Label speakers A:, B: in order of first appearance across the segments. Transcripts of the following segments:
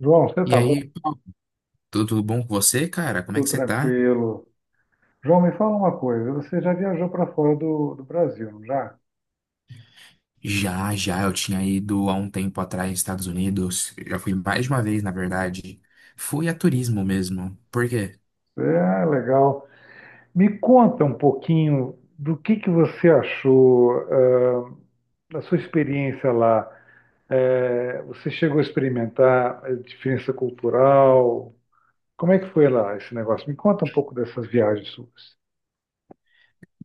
A: João, você
B: E
A: tá bom?
B: aí, tudo bom com você, cara? Como é
A: Tudo
B: que você tá?
A: tranquilo. João, me fala uma coisa. Você já viajou para fora do Brasil, não já?
B: Já, já, eu tinha ido há um tempo atrás nos Estados Unidos. Já fui mais de uma vez, na verdade. Fui a turismo mesmo. Por quê?
A: É legal. Me conta um pouquinho do que você achou, da sua experiência lá. É, você chegou a experimentar a diferença cultural? Como é que foi lá esse negócio? Me conta um pouco dessas viagens suas.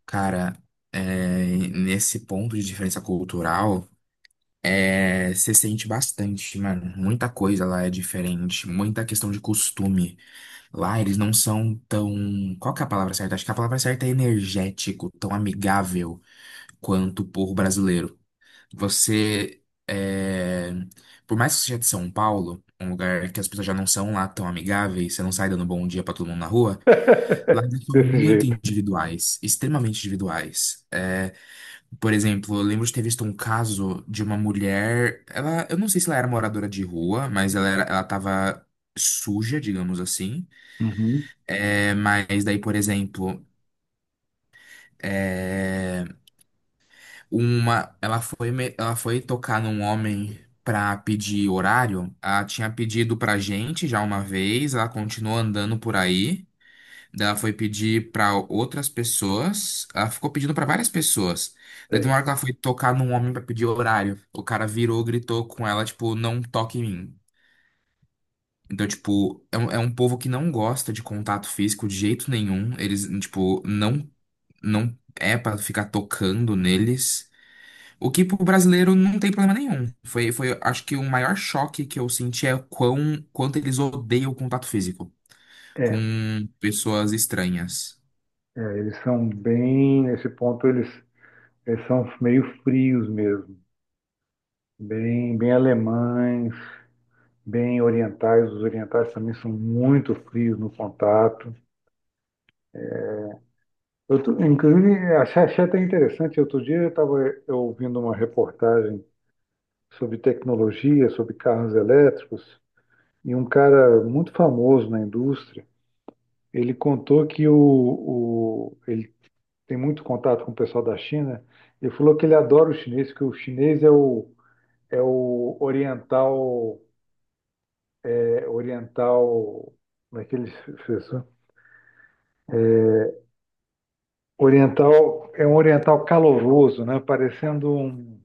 B: Cara, nesse ponto de diferença cultural, você sente bastante, mano. Muita coisa lá é diferente. Muita questão de costume. Lá eles não são tão. Qual que é a palavra certa? Acho que a palavra certa é energético, tão amigável quanto o povo brasileiro. Você, por mais que seja de São Paulo, um lugar que as pessoas já não são lá tão amigáveis, você não sai dando bom dia pra todo mundo na rua, lá eles são
A: Desse
B: muito
A: jeito.
B: individuais, extremamente individuais. Por exemplo, eu lembro de ter visto um caso de uma mulher, ela, eu não sei se ela era moradora de rua, mas ela era, ela tava suja, digamos assim.
A: Uhum,
B: É, mas daí, por exemplo, é, ela foi, ela foi tocar num homem pra pedir horário. Ela tinha pedido pra gente já uma vez, ela continuou andando por aí. Daí ela foi pedir pra outras pessoas. Ela ficou pedindo pra várias pessoas. Daí tem uma
A: sei.
B: hora que ela foi tocar num homem pra pedir horário. O cara virou, gritou com ela, tipo, não toque em mim. Então, tipo, é um povo que não gosta de contato físico de jeito nenhum. Eles, tipo, não, não é pra ficar tocando neles. O que pro brasileiro não tem problema nenhum. Acho que o maior choque que eu senti é quanto eles odeiam o contato físico com
A: É,
B: pessoas estranhas.
A: eles são bem, nesse ponto, eles. Eles são meio frios mesmo, bem alemães, bem orientais. Os orientais também são muito frios no contato. Inclusive, achei até interessante. Outro dia eu estava ouvindo uma reportagem sobre tecnologia, sobre carros elétricos, e um cara muito famoso na indústria, ele contou que ele tem muito contato com o pessoal da China. Ele falou que ele adora o chinês, que o chinês é o oriental oriental, daquele oriental, é um oriental caloroso, né? Parecendo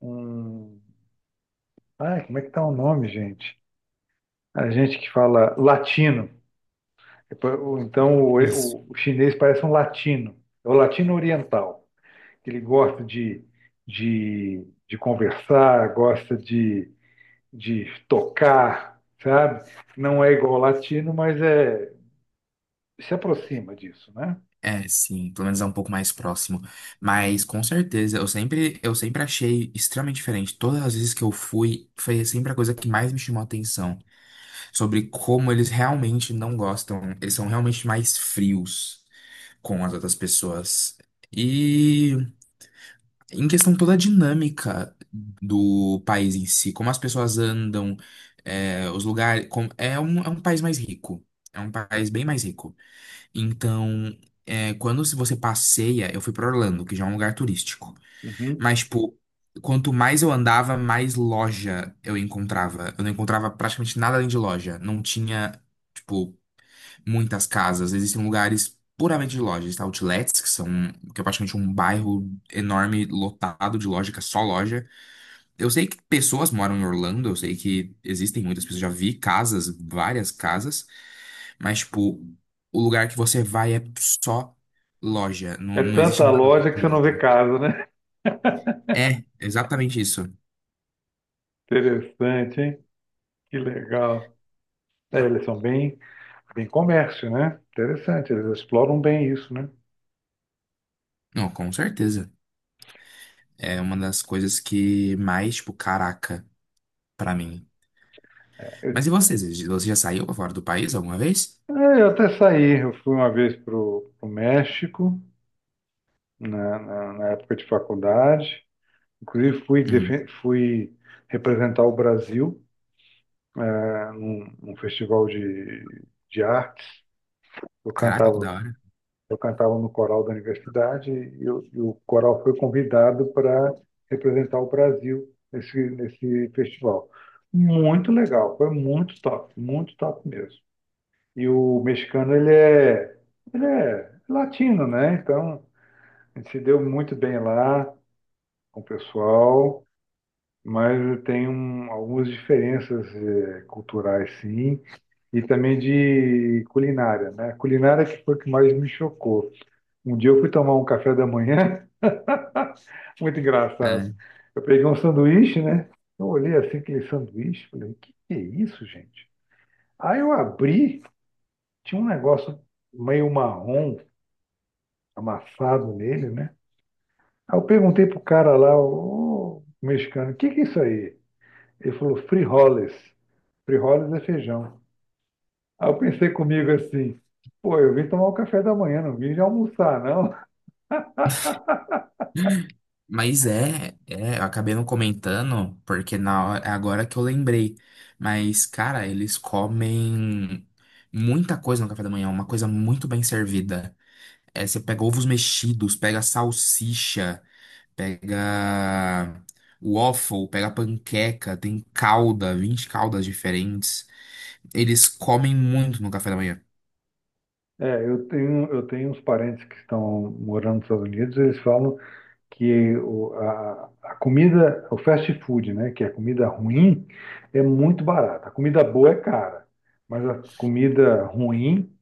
A: um... Ai, como é que tá o nome, gente? A gente que fala latino. Então,
B: Isso.
A: o chinês parece um latino. É o latino oriental. Ele gosta de conversar, gosta de tocar, sabe? Não é igual ao latino, mas é, se aproxima disso, né?
B: É, sim, pelo menos é um pouco mais próximo. Mas com certeza, eu sempre achei extremamente diferente. Todas as vezes que eu fui, foi sempre a coisa que mais me chamou a atenção. Sobre como eles realmente não gostam. Eles são realmente mais frios com as outras pessoas. e Em questão toda a dinâmica do país em si, como as pessoas andam, é, os lugares. É um país mais rico. É um país bem mais rico. Então, é, quando se você passeia, eu fui para Orlando, que já é um lugar turístico.
A: Uhum.
B: Mas, tipo, quanto mais eu andava, mais loja eu encontrava. Eu não encontrava praticamente nada além de loja. Não tinha. Tipo muitas casas, existem lugares puramente de lojas, tá? Outlets, que é praticamente um bairro enorme, lotado de loja, que é só loja. Eu sei que pessoas moram em Orlando, eu sei que existem muitas pessoas, já vi casas, várias casas, mas, tipo, o lugar que você vai é só loja, não,
A: É
B: não existe
A: tanta
B: nada
A: loja que você
B: daquilo.
A: não vê casa, né?
B: É, exatamente isso.
A: Interessante, hein? Que legal. É, eles são bem, bem comércio, né? Interessante, eles exploram bem isso, né?
B: Não, com certeza. É uma das coisas que mais, tipo, caraca, pra mim. Mas e vocês? Você já saiu pra fora do país alguma vez?
A: É, eu até saí, eu fui uma vez para o México, na época de faculdade. Inclusive,
B: Uhum.
A: fui representar o Brasil, né, num festival de artes. Eu
B: Caraca, que
A: cantava.
B: da hora.
A: Eu cantava no coral da universidade, e o coral foi convidado para representar o Brasil nesse festival. Muito legal, foi muito top mesmo. E o mexicano, ele é latino, né? Então, a gente se deu muito bem lá com o pessoal, mas tem algumas diferenças culturais, sim, e também de culinária, né? Culinária que foi o que mais me chocou. Um dia eu fui tomar um café da manhã, muito engraçado.
B: É.
A: Eu peguei um sanduíche, né? Eu olhei assim aquele sanduíche, falei, o que que é isso, gente? Aí eu abri, tinha um negócio meio marrom amassado nele, né? Aí eu perguntei pro cara lá, o mexicano, o que que é isso aí? Ele falou, frijoles. Frijoles é feijão. Aí eu pensei comigo assim, pô, eu vim tomar o café da manhã, não vim já almoçar, não.
B: Mas eu acabei não comentando, porque na hora, é agora que eu lembrei. Mas, cara, eles comem muita coisa no café da manhã, uma coisa muito bem servida. É, você pega ovos mexidos, pega salsicha, pega waffle, pega panqueca, tem calda, 20 caldas diferentes. Eles comem muito no café da manhã.
A: É, eu tenho uns parentes que estão morando nos Estados Unidos. Eles falam que a comida, o fast food, né, que é comida ruim, é muito barata. A comida boa é cara, mas a comida ruim,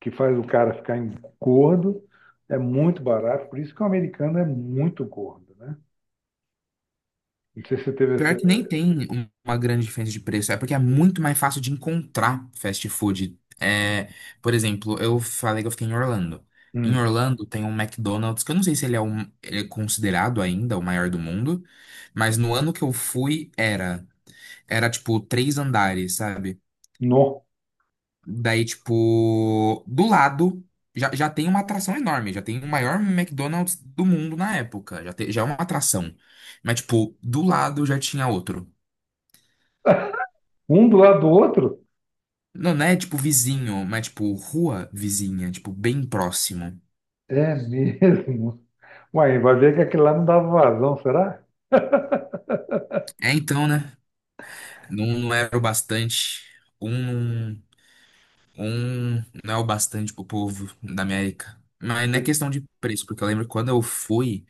A: que faz o cara ficar gordo, é muito barato. Por isso que o americano é muito gordo, né? Não sei se você teve
B: Pior que
A: essa...
B: nem tem uma grande diferença de preço, é porque é muito mais fácil de encontrar fast food. É, por exemplo, eu falei que eu fiquei em Orlando. Em
A: Hum,
B: Orlando tem um McDonald's, que eu não sei se ele é, ele é considerado ainda o maior do mundo, mas no ano que eu fui era. Era tipo três andares, sabe?
A: nó.
B: Daí, tipo, do lado já tem uma atração enorme, já tem o maior McDonald's do mundo na época, já é uma atração. Mas, tipo, do lado já tinha outro.
A: Um do lado do outro?
B: Não, não é tipo vizinho, mas tipo rua vizinha, tipo bem próximo.
A: É mesmo. Uai, vai ver que aquele lá não dava vazão, será?
B: É então, né? Não, não era o bastante. Um, um não é o bastante pro povo da América. Mas não é questão de preço, porque eu lembro que quando eu fui,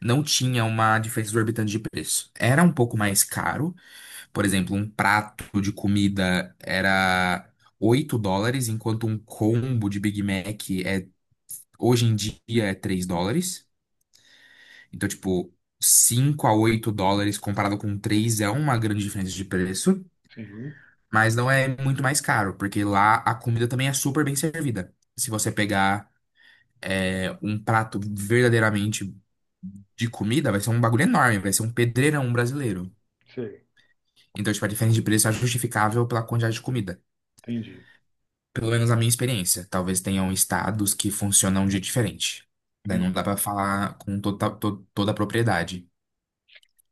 B: não tinha uma diferença exorbitante de preço. Era um pouco mais caro. Por exemplo, um prato de comida era $8, enquanto um combo de Big Mac é, hoje em dia é 3 dólares. Então, tipo, $5 a $8 comparado com 3 é uma grande diferença de preço,
A: Sim.
B: mas não é muito mais caro, porque lá a comida também é super bem servida. Se você pegar um prato verdadeiramente de comida, vai ser um bagulho enorme, vai ser um pedreirão brasileiro.
A: Sei,
B: Então, tipo, a diferença de preço é justificável pela quantidade de comida.
A: entendi,
B: Pelo menos na minha experiência. Talvez tenham estados que funcionam de diferente. Daí não dá
A: entendi.
B: pra falar com toda a propriedade.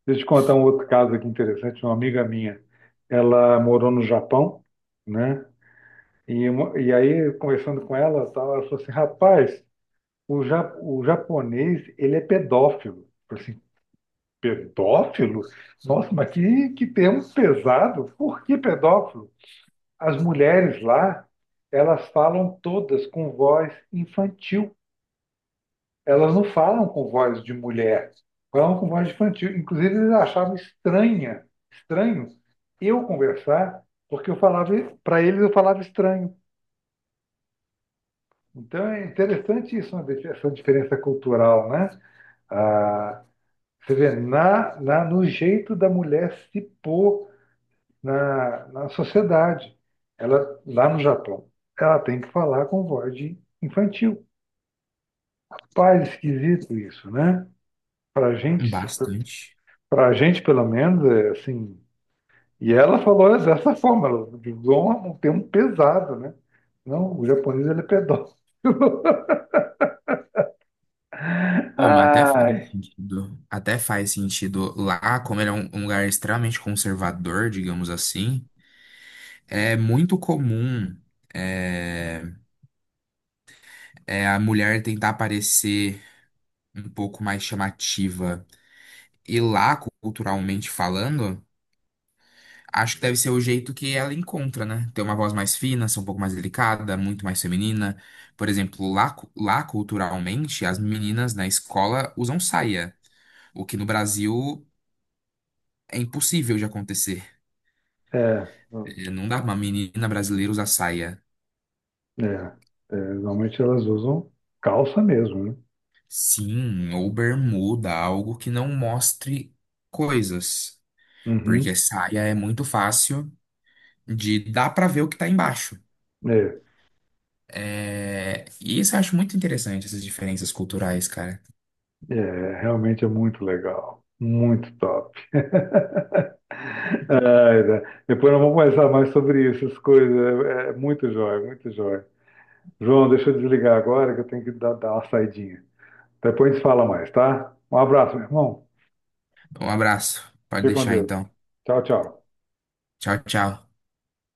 A: Deixa eu te contar um outro caso aqui interessante. Uma amiga minha, ela morou no Japão, né? E, e aí, conversando com ela, tal, ela falou assim, rapaz, o japonês, ele é pedófilo. Eu falei assim, pedófilo? Nossa, mas que termo pesado. Por que pedófilo? As mulheres lá, elas falam todas com voz infantil. Elas não falam com voz de mulher, falam com voz infantil. Inclusive, eles achavam estranho eu conversar, porque eu falava, para eles eu falava estranho. Então é interessante isso, essa diferença cultural, né? Ah, você vê, no jeito da mulher se pôr na sociedade. Ela, lá no Japão, ela tem que falar com voz de infantil. Pais esquisito isso, né? Para a gente.
B: Bastante.
A: Pra gente, pelo menos, é assim. E ela falou dessa forma, ela usou um termo pesado, né? Não, o japonês ele é pedófilo.
B: Pô, mas até faz
A: Ai!
B: sentido. Até faz sentido lá, como ele é um lugar extremamente conservador, digamos assim, é muito comum é, é a mulher tentar parecer um pouco mais chamativa. E lá, culturalmente falando, acho que deve ser o jeito que ela encontra, né? Ter uma voz mais fina, ser um pouco mais delicada, muito mais feminina. Por exemplo, lá culturalmente, as meninas na escola usam saia, o que no Brasil é impossível de acontecer.
A: É,
B: É, não dá pra uma menina brasileira usar saia.
A: é, é, normalmente elas usam calça mesmo, né?
B: Sim, ou bermuda, algo que não mostre coisas. Porque
A: Uhum.
B: saia é muito fácil de dá pra ver o que tá embaixo.
A: É,
B: É, e isso eu acho muito interessante, essas diferenças culturais, cara.
A: é, realmente é muito legal. Muito top. Ai, né? Depois nós vamos conversar mais sobre isso, essas coisas. É, é muito jóia, muito jóia. João, deixa eu desligar agora que eu tenho que dar uma saidinha. Depois a gente fala mais, tá? Um abraço, meu irmão.
B: Um abraço. Pode
A: Fique com
B: deixar
A: Deus.
B: então.
A: Tchau, tchau.
B: Tchau, tchau.